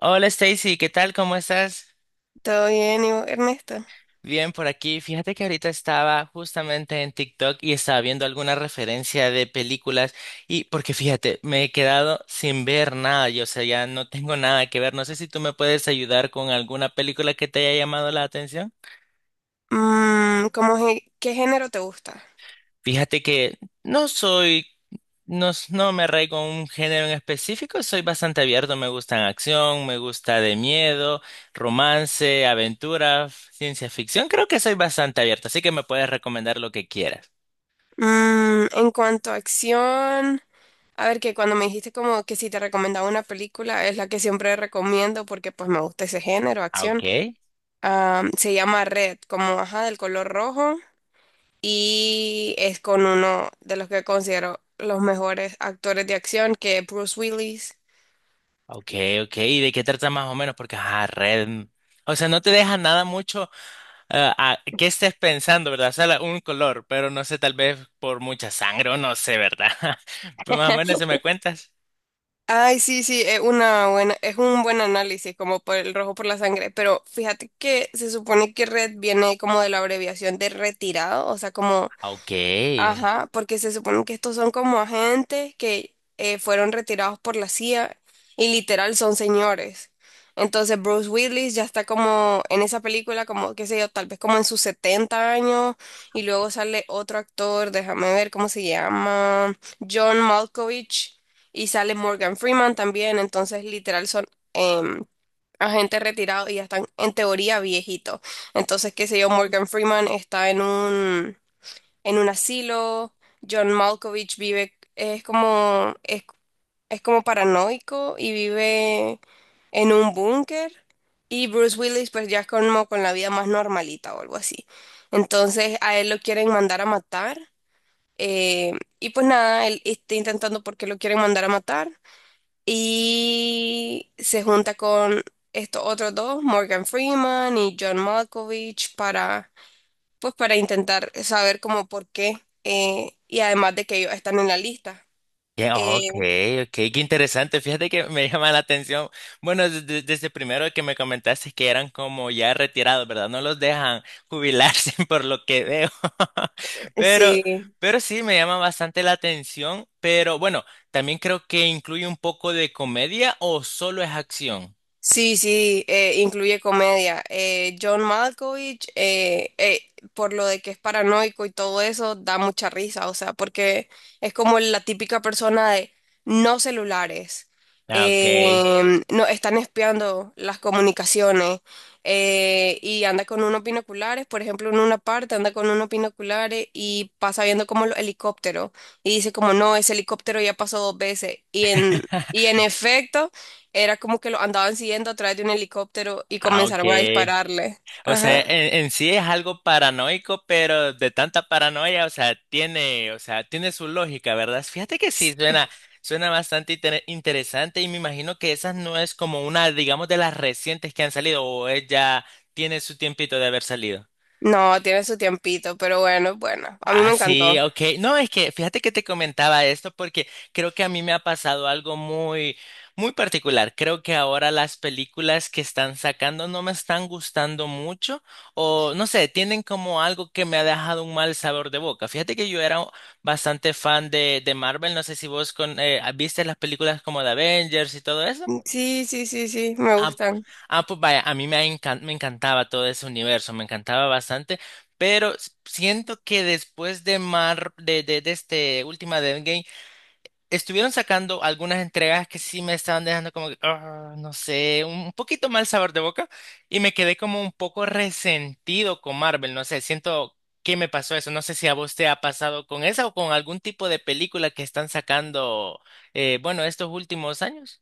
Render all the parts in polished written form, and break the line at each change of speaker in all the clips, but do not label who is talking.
Hola Stacy, ¿qué tal? ¿Cómo estás?
Todo bien, ¿y vos, Ernesto?
Bien por aquí. Fíjate que ahorita estaba justamente en TikTok y estaba viendo alguna referencia de películas y porque fíjate, me he quedado sin ver nada, yo o sea, ya no tengo nada que ver. No sé si tú me puedes ayudar con alguna película que te haya llamado la atención.
¿Cómo qué género te gusta?
Fíjate que no soy, no, no me arraigo a un género en específico, soy bastante abierto, me gustan acción, me gusta de miedo, romance, aventura, ciencia ficción, creo que soy bastante abierto, así que me puedes recomendar lo que quieras.
En cuanto a acción, a ver que cuando me dijiste como que si te recomendaba una película, es la que siempre recomiendo porque pues me gusta ese género,
Ah,
acción.
ok,
Se llama Red, como ajá, del color rojo, y es con uno de los que considero los mejores actores de acción, que es Bruce Willis.
ok, ok, ¿y de qué trata más o menos? Porque, ah, red, o sea, no te deja nada mucho a qué estés pensando, ¿verdad? O sea, un color, pero no sé, tal vez por mucha sangre o no sé, ¿verdad? Pues más o menos, ¿se me cuentas?
Ay, sí, sí, es un buen análisis, como por el rojo por la sangre, pero fíjate que se supone que Red viene como de la abreviación de retirado, o sea, como...
Ah, ok.
Ajá, porque se supone que estos son como agentes que fueron retirados por la CIA, y literal son señores. Entonces Bruce Willis ya está como en esa película, como qué sé yo, tal vez como en sus 70 años, y luego sale otro actor, déjame ver cómo se llama, John Malkovich, y sale Morgan Freeman también, entonces literal son em, agentes retirados y ya están en teoría viejitos. Entonces, qué sé yo, Morgan Freeman está en un asilo. John Malkovich vive, es como paranoico y vive en un búnker. Y Bruce Willis, pues ya es como con la vida más normalita o algo así. Entonces a él lo quieren mandar a matar. eh, y pues nada, él está intentando porque lo quieren mandar a matar. Y se junta con estos otros dos, Morgan Freeman y John Malkovich, para pues para intentar saber como por qué, y además de que ellos están en la lista.
Ya,
Eh,
ok, ok, qué interesante. Fíjate que me llama la atención. Bueno, desde primero que me comentaste que eran como ya retirados, ¿verdad? No los dejan jubilarse por lo que veo. Pero,
sí,
pero sí, me llama bastante la atención. Pero bueno, también creo que incluye un poco de comedia o solo es acción.
sí, sí, incluye comedia. John Malkovich, por lo de que es paranoico y todo eso, da mucha risa, o sea, porque es como la típica persona de no celulares,
Ah, ok,
no están espiando las comunicaciones, y anda con unos binoculares. Por ejemplo, en una parte anda con unos binoculares y pasa viendo como los helicópteros, y dice como, no, ese helicóptero ya pasó dos veces, y en efecto... Era como que lo andaban siguiendo a través de un helicóptero y
ah, ok.
comenzaron a dispararle.
O sea,
Ajá.
en sí es algo paranoico, pero de tanta paranoia, o sea, tiene su lógica, ¿verdad? Fíjate que sí, suena, suena bastante interesante y me imagino que esa no es como una, digamos, de las recientes que han salido o ella tiene su tiempito de haber salido.
No, tiene su tiempito, pero bueno, bueno. A mí
Ah,
me
sí,
encantó.
ok. No, es que fíjate que te comentaba esto porque creo que a mí me ha pasado algo muy, muy particular. Creo que ahora las películas que están sacando no me están gustando mucho o no sé, tienen como algo que me ha dejado un mal sabor de boca. Fíjate que yo era bastante fan de Marvel. No sé si vos con, viste las películas como de Avengers y todo eso.
Mm, sí, sí, sí, sí, me
Ah,
gustan.
ah, pues vaya, a mí me, me encantaba todo ese universo, me encantaba bastante, pero siento que después de Mar, de este última de Endgame, estuvieron sacando algunas entregas que sí me estaban dejando como que, "Ah, no sé, un poquito mal sabor de boca, y me quedé como un poco resentido con Marvel, no sé, siento que me pasó eso, no sé si a vos te ha pasado con esa o con algún tipo de película que están sacando, bueno, estos últimos años.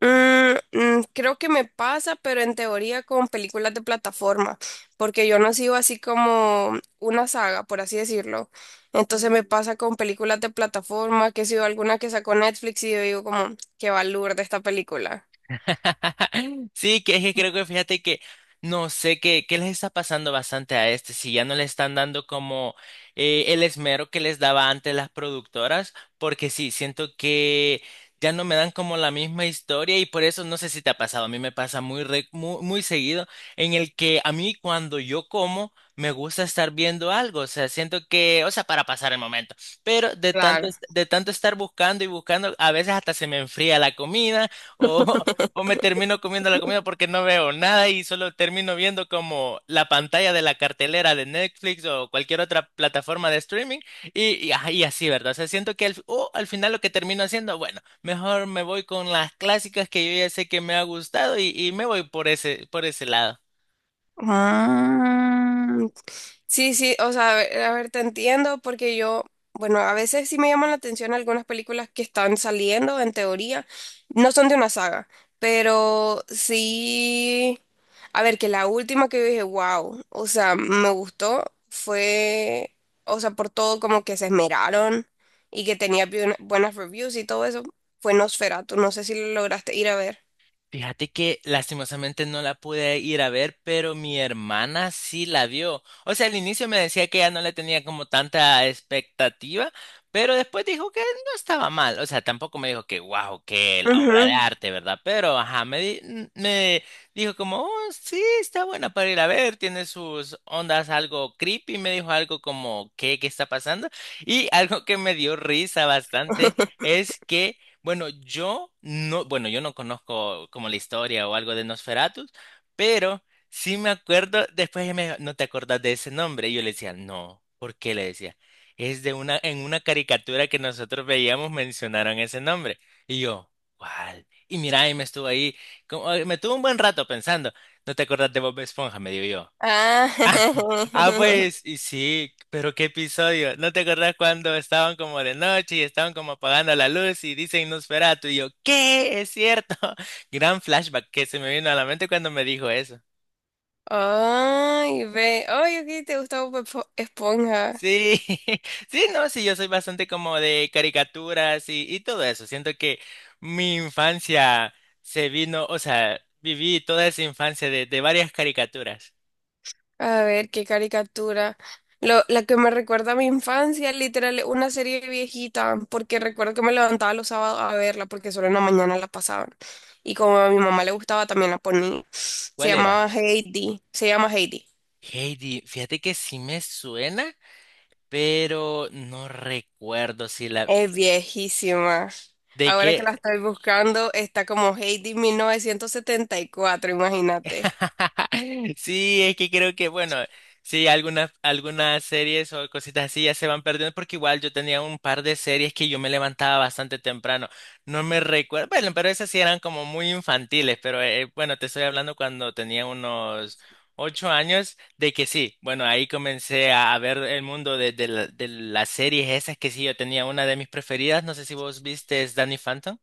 Creo que me pasa, pero en teoría con películas de plataforma, porque yo no sigo así como una saga, por así decirlo. Entonces me pasa con películas de plataforma, que sigo alguna que sacó Netflix y yo digo como, qué valor de esta película.
Sí, que es que creo que fíjate que no sé qué, qué les está pasando bastante a este, si ya no le están dando como el esmero que les daba antes las productoras, porque sí, siento que ya no me dan como la misma historia y por eso no sé si te ha pasado, a mí me pasa muy, muy, muy seguido en el que a mí cuando yo como me gusta estar viendo algo, o sea, siento que, o sea, para pasar el momento, pero de tanto,
Claro.
de tanto estar buscando y buscando, a veces hasta se me enfría la comida. O o me termino comiendo la comida porque no veo nada y solo termino viendo como la pantalla de la cartelera de Netflix o cualquier otra plataforma de streaming y, ajá, y así, ¿verdad? O sea, siento que al, o al final lo que termino haciendo, bueno, mejor me voy con las clásicas que yo ya sé que me ha gustado y me voy por ese lado.
Ah, sí, sí, o sea, a ver, te entiendo porque yo, bueno, a veces sí me llaman la atención algunas películas que están saliendo, en teoría, no son de una saga, pero sí, a ver, que la última que yo dije, wow, o sea, me gustó, fue, o sea, por todo como que se esmeraron y que tenía buenas reviews y todo eso, fue Nosferatu, no sé si lo lograste ir a ver.
Fíjate que lastimosamente no la pude ir a ver, pero mi hermana sí la vio. O sea, al inicio me decía que ya no le tenía como tanta expectativa, pero después dijo que no estaba mal. O sea, tampoco me dijo que wow, que la obra de
Ujú.
arte, ¿verdad? Pero ajá, me, me dijo como, "Oh, sí, está buena para ir a ver, tiene sus ondas algo creepy, me dijo algo como, ¿qué, qué está pasando? Y algo que me dio risa bastante es que bueno, yo no, bueno, yo no conozco como la historia o algo de Nosferatu, pero sí me acuerdo, después ella me dijo, ¿no te acordás de ese nombre? Y yo le decía, no, ¿por qué le decía? Es de una, en una caricatura que nosotros veíamos mencionaron ese nombre. Y yo, ¿cuál? Y mira, y me estuvo ahí, me tuvo un buen rato pensando, ¿no te acordás de Bob Esponja? Me digo yo.
Ah,
Ah, pues, y sí, pero qué episodio. ¿No te acordás cuando estaban como de noche y estaban como apagando la luz y dicen Nosferatu? Y yo, ¿qué? Es cierto. Gran flashback que se me vino a la mente cuando me dijo eso.
Ay, ve. Ay, ok, te gusta Bob Esponja.
Sí, sí, no, sí, yo soy bastante como de caricaturas y todo eso. Siento que mi infancia se vino, o sea, viví toda esa infancia de varias caricaturas.
A ver, qué caricatura. Lo, la que me recuerda a mi infancia, literal, es una serie viejita, porque recuerdo que me levantaba los sábados a verla, porque solo en la mañana la pasaban. Y como a mi mamá le gustaba, también la ponía. Se
¿Cuál era?
llamaba Heidi. Se llama Heidi.
Heidi, fíjate que sí me suena. Pero no recuerdo si la...
Es viejísima.
¿De
Ahora que la
qué?
estoy buscando, está como Heidi 1974, imagínate.
Sí, es que creo que, bueno, sí, algunas, algunas series o cositas así ya se van perdiendo porque igual yo tenía un par de series que yo me levantaba bastante temprano. No me recuerdo, bueno, pero esas sí eran como muy infantiles, pero bueno, te estoy hablando cuando tenía unos 8 años de que sí, bueno, ahí comencé a ver el mundo de de las series esas que sí, yo tenía una de mis preferidas, no sé si vos viste Danny Phantom.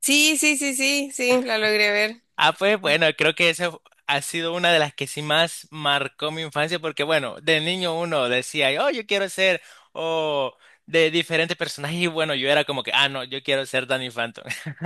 Sí, sí, sí, sí, sí, la logré ver.
Ah, pues bueno, creo que esa ha sido una de las que sí más marcó mi infancia, porque bueno, de niño uno decía, oh, yo quiero ser, o de diferentes personajes, y bueno, yo era como que, ah, no, yo quiero ser Danny Phantom.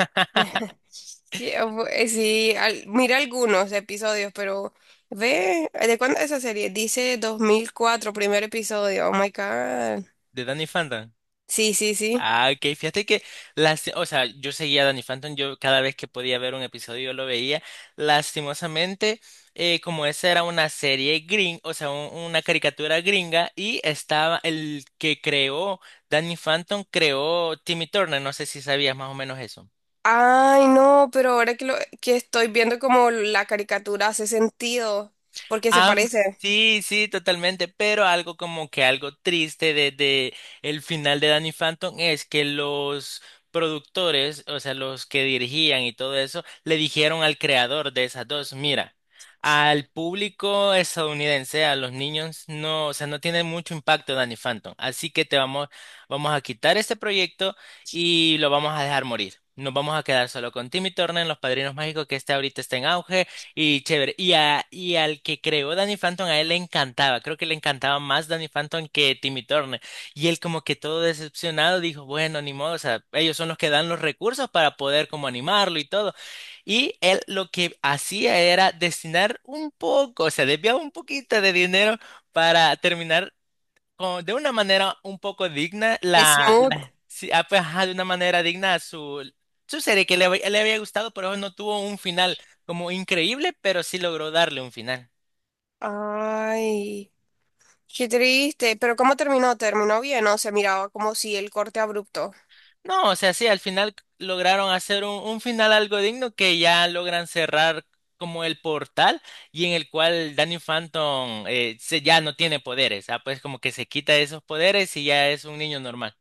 Que, sí, mira algunos episodios, pero ve, ¿de cuándo es esa serie? Dice 2004 primer episodio. Oh my God.
¿De Danny Phantom?
Sí, sí, sí.
Ah, ok, fíjate que las, o sea, yo seguía a Danny Phantom, yo cada vez que podía ver un episodio yo lo veía. Lastimosamente, como esa era una serie gring, o sea, una caricatura gringa, y estaba el que creó Danny Phantom, creó Timmy Turner, no sé si sabías más o menos eso.
Ay, no, pero ahora que, lo, que estoy viendo como la caricatura hace sentido, porque se
Ah,
parece.
sí, sí, totalmente, pero algo como que algo triste de el final de Danny Phantom es que los productores, o sea, los que dirigían y todo eso, le dijeron al creador de esas dos, mira, al público estadounidense, a los niños, no, o sea, no tiene mucho impacto Danny Phantom, así que te vamos, vamos a quitar este proyecto y lo vamos a dejar morir. Nos vamos a quedar solo con Timmy Turner, Los Padrinos Mágicos, que este ahorita está en auge y chévere. Y, a, y al que creó Danny Phantom, a él le encantaba. Creo que le encantaba más Danny Phantom que Timmy Turner. Y él como que todo decepcionado dijo, bueno, ni modo, o sea, ellos son los que dan los recursos para poder como animarlo y todo. Y él lo que hacía era destinar un poco, o sea, desviaba un poquito de dinero para terminar de una manera un poco digna, la,
Smooth.
sí, ah, pues, ajá, de una manera digna a su, su serie que le, le había gustado, pero no tuvo un final como increíble, pero sí logró darle un final.
Ay, qué triste. Pero ¿cómo terminó? ¿Terminó bien? No, se miraba como si el corte abrupto.
No, o sea, sí, al final lograron hacer un final algo digno que ya logran cerrar como el portal y en el cual Danny Phantom se, ya no tiene poderes, ah, pues como que se quita esos poderes y ya es un niño normal.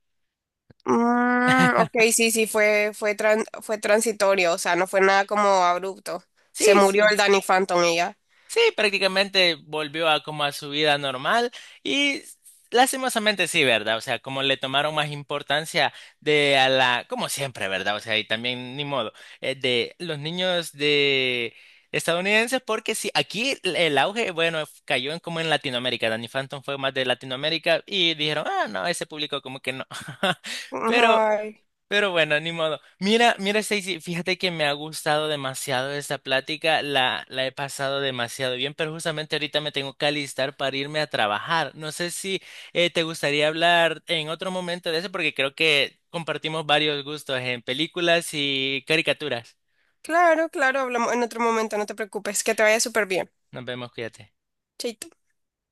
Mm, ok, sí, sí, fue transitorio, o sea, no fue nada como abrupto. Se
Sí,
murió
sí.
el Danny Phantom y ya.
Sí, prácticamente volvió a como a su vida normal y lastimosamente sí, ¿verdad? O sea, como le tomaron más importancia de a la, como siempre, ¿verdad? O sea, y también ni modo, de los niños de estadounidenses, porque sí, aquí el auge, bueno, cayó en como en Latinoamérica, Danny Phantom fue más de Latinoamérica y dijeron, ah, no, ese público como que no. Pero
Ay,
pero bueno, ni modo. Mira, mira, Stacy, fíjate que me ha gustado demasiado esta plática, la he pasado demasiado bien, pero justamente ahorita me tengo que alistar para irme a trabajar. No sé si te gustaría hablar en otro momento de eso, porque creo que compartimos varios gustos en películas y caricaturas.
claro, claro, hablamos en otro momento, no te preocupes, que te vaya súper bien.
Nos vemos, cuídate.
Chaito.